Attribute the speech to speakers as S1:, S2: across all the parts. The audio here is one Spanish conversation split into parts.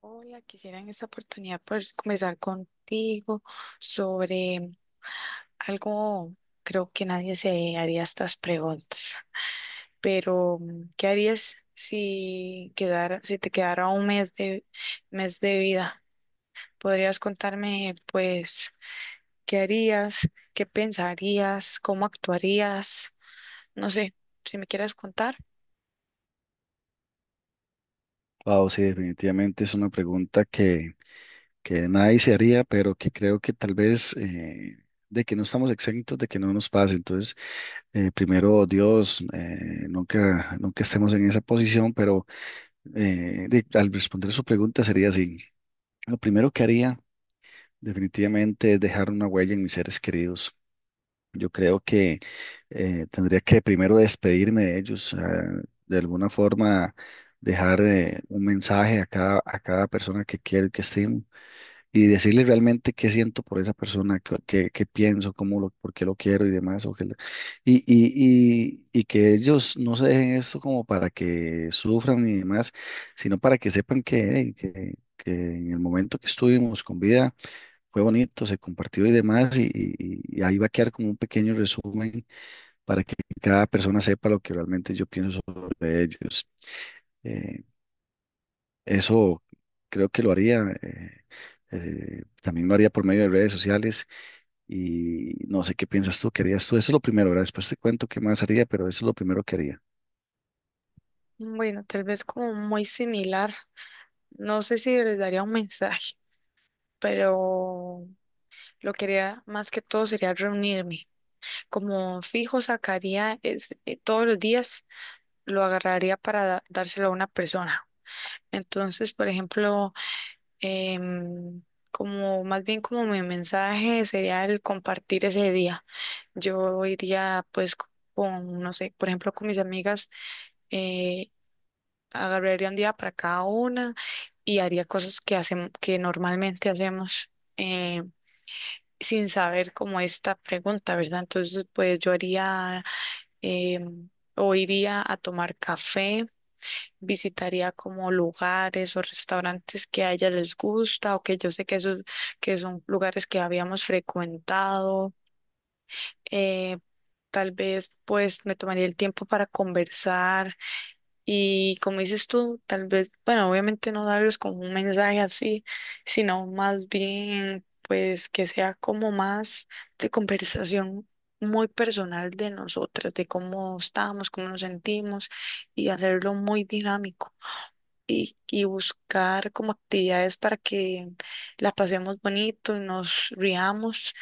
S1: Hola, quisiera en esta oportunidad poder conversar contigo sobre algo, creo que nadie se haría estas preguntas, pero ¿qué harías si si te quedara un mes mes de vida? ¿Podrías contarme, pues, qué harías, qué pensarías, cómo actuarías? No sé, si me quieres contar.
S2: Wow, sí, definitivamente es una pregunta que nadie se haría, pero que creo que tal vez de que no estamos exentos de que no nos pase. Entonces, primero Dios, nunca, nunca estemos en esa posición, pero al responder su pregunta sería así. Lo primero que haría definitivamente es dejar una huella en mis seres queridos. Yo creo que tendría que primero despedirme de ellos, de alguna forma dejar un mensaje a cada persona que quiero y que estimo y decirle realmente qué siento por esa persona, qué pienso, cómo lo, por qué lo quiero y demás. O qué le- y que ellos no se dejen esto como para que sufran y demás, sino para que sepan que en el momento que estuvimos con vida fue bonito, se compartió y demás, y ahí va a quedar como un pequeño resumen para que cada persona sepa lo que realmente yo pienso sobre ellos. Eh, eso creo que lo haría, también lo haría por medio de redes sociales y no sé qué piensas tú, qué harías tú. Eso es lo primero, ¿verdad? Después te cuento qué más haría, pero eso es lo primero que haría.
S1: Bueno, tal vez como muy similar. No sé si les daría un mensaje, pero lo que haría más que todo sería reunirme. Como fijo sacaría todos los días, lo agarraría para dárselo a una persona. Entonces, por ejemplo, em, como más bien como mi mensaje sería el compartir ese día. Yo iría pues con, no sé, por ejemplo, con mis amigas, eh, agarraría un día para cada una y haría cosas que hacemos, que normalmente hacemos. em, Sin saber cómo esta pregunta, ¿verdad? Entonces, pues yo haría em, o iría a tomar café, visitaría como lugares o restaurantes que a ella les gusta o que yo sé que, esos, que son lugares que habíamos frecuentado. eh, tal vez pues me tomaría el tiempo para conversar y como dices tú, tal vez, bueno, obviamente no darles como un mensaje así, sino más bien, pues que sea como más de conversación muy personal de nosotras, de cómo estamos, cómo nos sentimos y hacerlo muy dinámico y buscar como actividades para que la pasemos bonito y nos riamos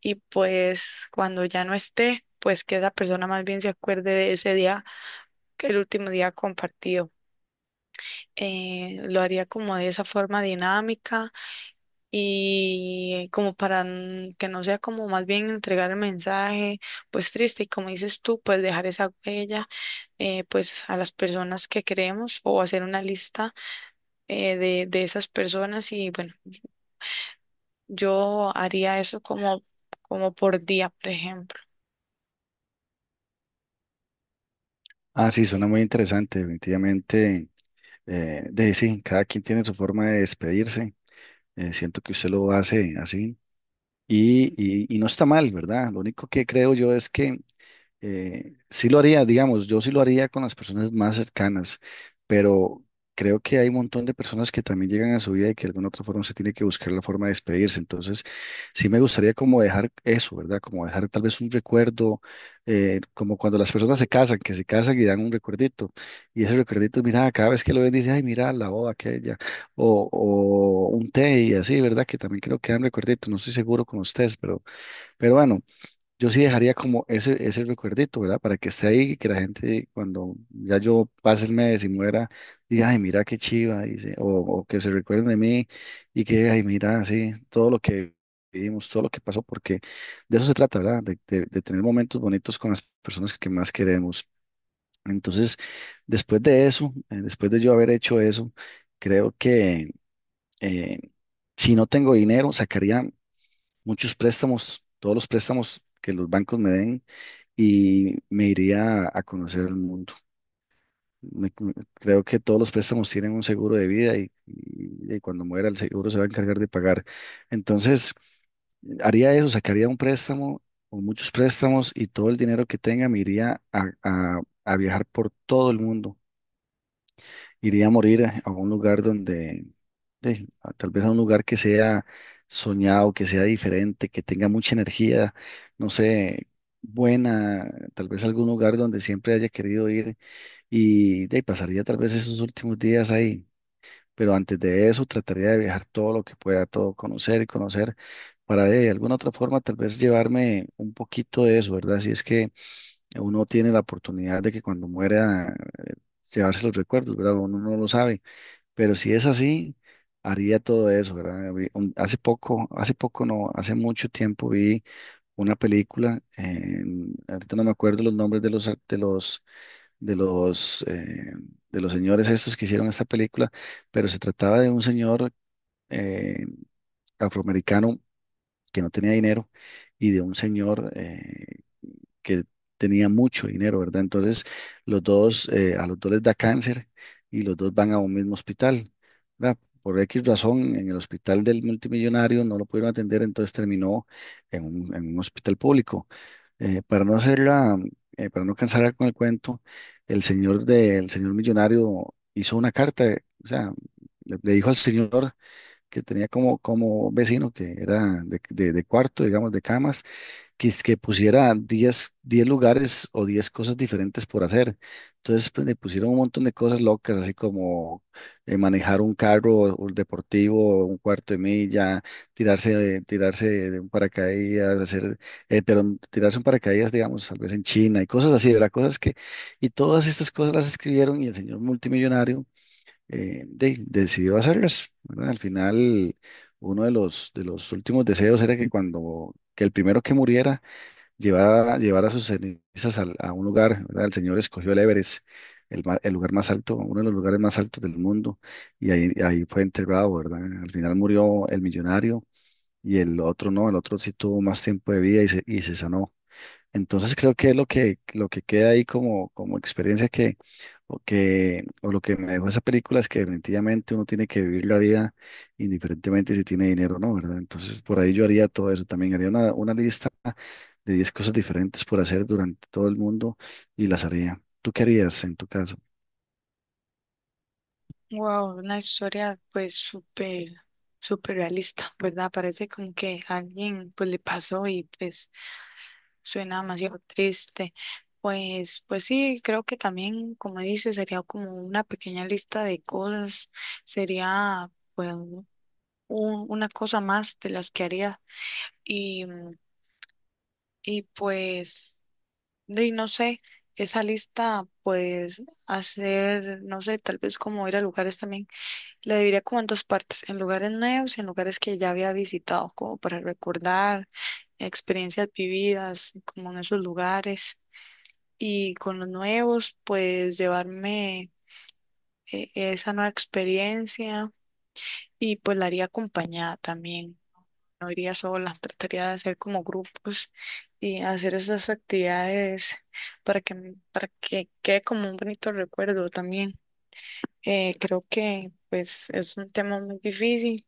S1: y pues cuando ya no esté, pues que esa persona más bien se acuerde de ese día, que el último día compartido lo haría como de esa forma dinámica y como para que no sea como más bien entregar el mensaje, pues triste y como dices tú, pues dejar esa huella, pues a las personas que queremos o hacer una lista de esas personas y bueno, yo haría eso como, como por día, por ejemplo.
S2: Ah, sí, suena muy interesante, definitivamente. De Sí, cada quien tiene su forma de despedirse. Siento que usted lo hace así. Y no está mal, ¿verdad? Lo único que creo yo es que sí lo haría, digamos, yo sí lo haría con las personas más cercanas, pero creo que hay un montón de personas que también llegan a su vida y que de alguna otra forma se tiene que buscar la forma de despedirse. Entonces, sí me gustaría como dejar eso, ¿verdad? Como dejar tal vez un recuerdo, como cuando las personas se casan, que se casan y dan un recuerdito. Y ese recuerdito, mira, cada vez que lo ven, dice, ay, mira, la boda aquella, o un té y así, ¿verdad? Que también creo que dan recuerditos, no estoy seguro con ustedes, pero bueno. Yo sí dejaría como ese recuerdito, ¿verdad? Para que esté ahí y que la gente cuando ya yo pase el mes y muera, diga, ay, mira qué chiva, dice, o que se recuerden de mí y que, ay, mira, sí, todo lo que vivimos, todo lo que pasó, porque de eso se trata, ¿verdad? De tener momentos bonitos con las personas que más queremos. Entonces, después de eso, después de yo haber hecho eso, creo que eh, si no tengo dinero, sacaría muchos préstamos, todos los préstamos que los bancos me den y me iría a conocer el mundo. Creo que todos los préstamos tienen un seguro de vida y, y cuando muera el seguro se va a encargar de pagar. Entonces, haría eso, sacaría un préstamo o muchos préstamos y todo el dinero que tenga me iría a viajar por todo el mundo, iría a morir a un lugar donde, tal vez a un lugar que sea soñado, que sea diferente, que tenga mucha energía, no sé, buena, tal vez algún lugar donde siempre haya querido ir y de ahí pasaría tal vez esos últimos días ahí. Pero antes de eso trataría de viajar todo lo que pueda, todo conocer y conocer para de alguna otra forma tal vez llevarme un poquito de eso, ¿verdad? Si es que uno tiene la oportunidad de que cuando muera llevarse los recuerdos, ¿verdad? Uno no lo sabe. Pero si es así, haría todo eso, ¿verdad? Hace poco no, hace mucho tiempo vi una película, ahorita no me acuerdo los nombres de los, de los, eh, de los señores estos que hicieron esta película, pero se trataba de un señor eh, afroamericano que no tenía dinero y de un señor que tenía mucho dinero, ¿verdad? Entonces, los dos, a los dos les da cáncer y los dos van a un mismo hospital, ¿verdad? Por X razón, en el hospital del multimillonario no lo pudieron atender, entonces terminó en un hospital público. Para no hacerla, para no cansar con el cuento, el señor del señor millonario hizo una carta, o sea, le dijo al señor que tenía como, como vecino, que era de cuarto, digamos, de camas, que, es que pusiera diez lugares o 10 cosas diferentes por hacer. Entonces, pues, le pusieron un montón de cosas locas, así como manejar un carro o un deportivo, un cuarto de milla, tirarse, tirarse de un paracaídas, hacer, pero tirarse un paracaídas, digamos, tal vez en China y cosas así, ¿verdad? Cosas que, y todas estas cosas las escribieron y el señor multimillonario decidió hacerlas, ¿verdad? Al final, uno de los, últimos deseos era que que el primero que muriera, llevar a sus cenizas a un lugar, ¿verdad? El Señor escogió el Everest, el lugar más alto, uno de los lugares más altos del mundo, y ahí fue enterrado, ¿verdad? Al final murió el millonario y el otro no, el otro sí tuvo más tiempo de vida y se sanó. Entonces creo que es lo que queda ahí como, como experiencia o lo que me dejó esa película es que definitivamente uno tiene que vivir la vida indiferentemente si tiene dinero o no, ¿verdad? Entonces por ahí yo haría todo eso también, haría una lista de 10 cosas diferentes por hacer durante todo el mundo y las haría. ¿Tú qué harías en tu caso?
S1: Wow, una historia pues súper, súper realista, ¿verdad? Parece como que a alguien pues le pasó y pues suena demasiado triste. Pues sí, creo que también, como dices, sería como una pequeña lista de cosas, sería pues una cosa más de las que haría. Y, mm, y pues, de, no sé, esa lista, pues hacer, no sé, tal vez como ir a lugares también, la dividiría como en dos partes, en lugares nuevos y en lugares que ya había visitado, como para recordar experiencias vividas, como en esos lugares. Y con los nuevos, pues llevarme esa nueva experiencia y pues la haría acompañada también. No iría sola, trataría de hacer como grupos y hacer esas actividades para que quede como un bonito recuerdo también. Creo que pues es un tema muy difícil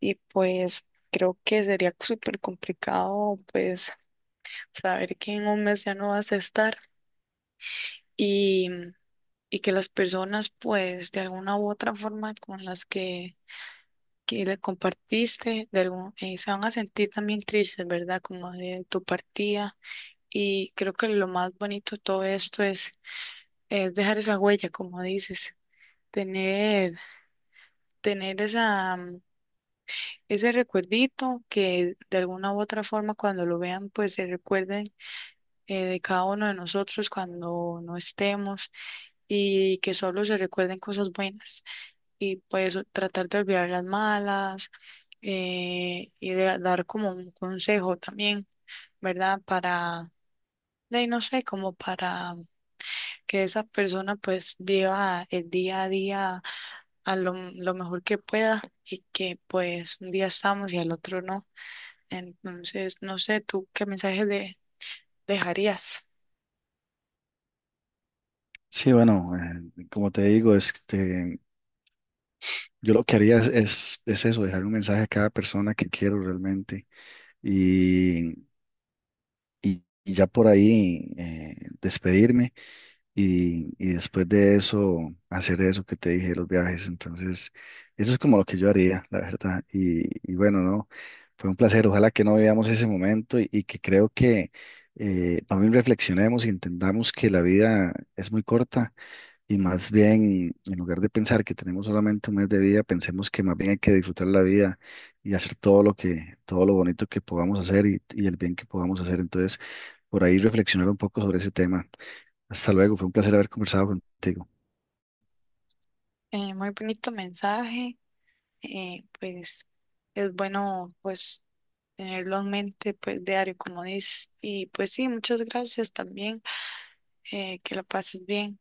S1: y pues creo que sería súper complicado pues saber que en un mes ya no vas a estar. Y y que las personas, pues, de alguna u otra forma con que le compartiste, de se van a sentir también tristes, ¿verdad? Como de tu partida. Y creo que lo más bonito de todo esto es dejar esa huella, como dices, tener, tener ese recuerdito que de alguna u otra forma cuando lo vean, pues se recuerden, de cada uno de nosotros cuando no estemos y que solo se recuerden cosas buenas. Y pues tratar de olvidar las malas, y de dar como un consejo también, ¿verdad? Para, de ahí no sé, como para que esa persona pues viva el día a día a lo mejor que pueda y que pues un día estamos y al otro no. Entonces, no sé, ¿tú qué mensaje le dejarías?
S2: Sí, bueno, como te digo, este, yo lo que haría es eso, dejar un mensaje a cada persona que quiero realmente y ya por ahí despedirme y después de eso hacer eso que te dije, los viajes. Entonces, eso es como lo que yo haría, la verdad. Y bueno, no, fue un placer. Ojalá que no veamos ese momento y que creo que también reflexionemos y entendamos que la vida es muy corta y más bien, en lugar de pensar que tenemos solamente un mes de vida, pensemos que más bien hay que disfrutar la vida y hacer todo lo que, todo lo bonito que podamos hacer y el bien que podamos hacer. Entonces, por ahí reflexionar un poco sobre ese tema. Hasta luego, fue un placer haber conversado contigo.
S1: Muy bonito mensaje, pues es bueno pues tenerlo en mente pues diario, como dices. Y pues sí, muchas gracias también, que la pases bien.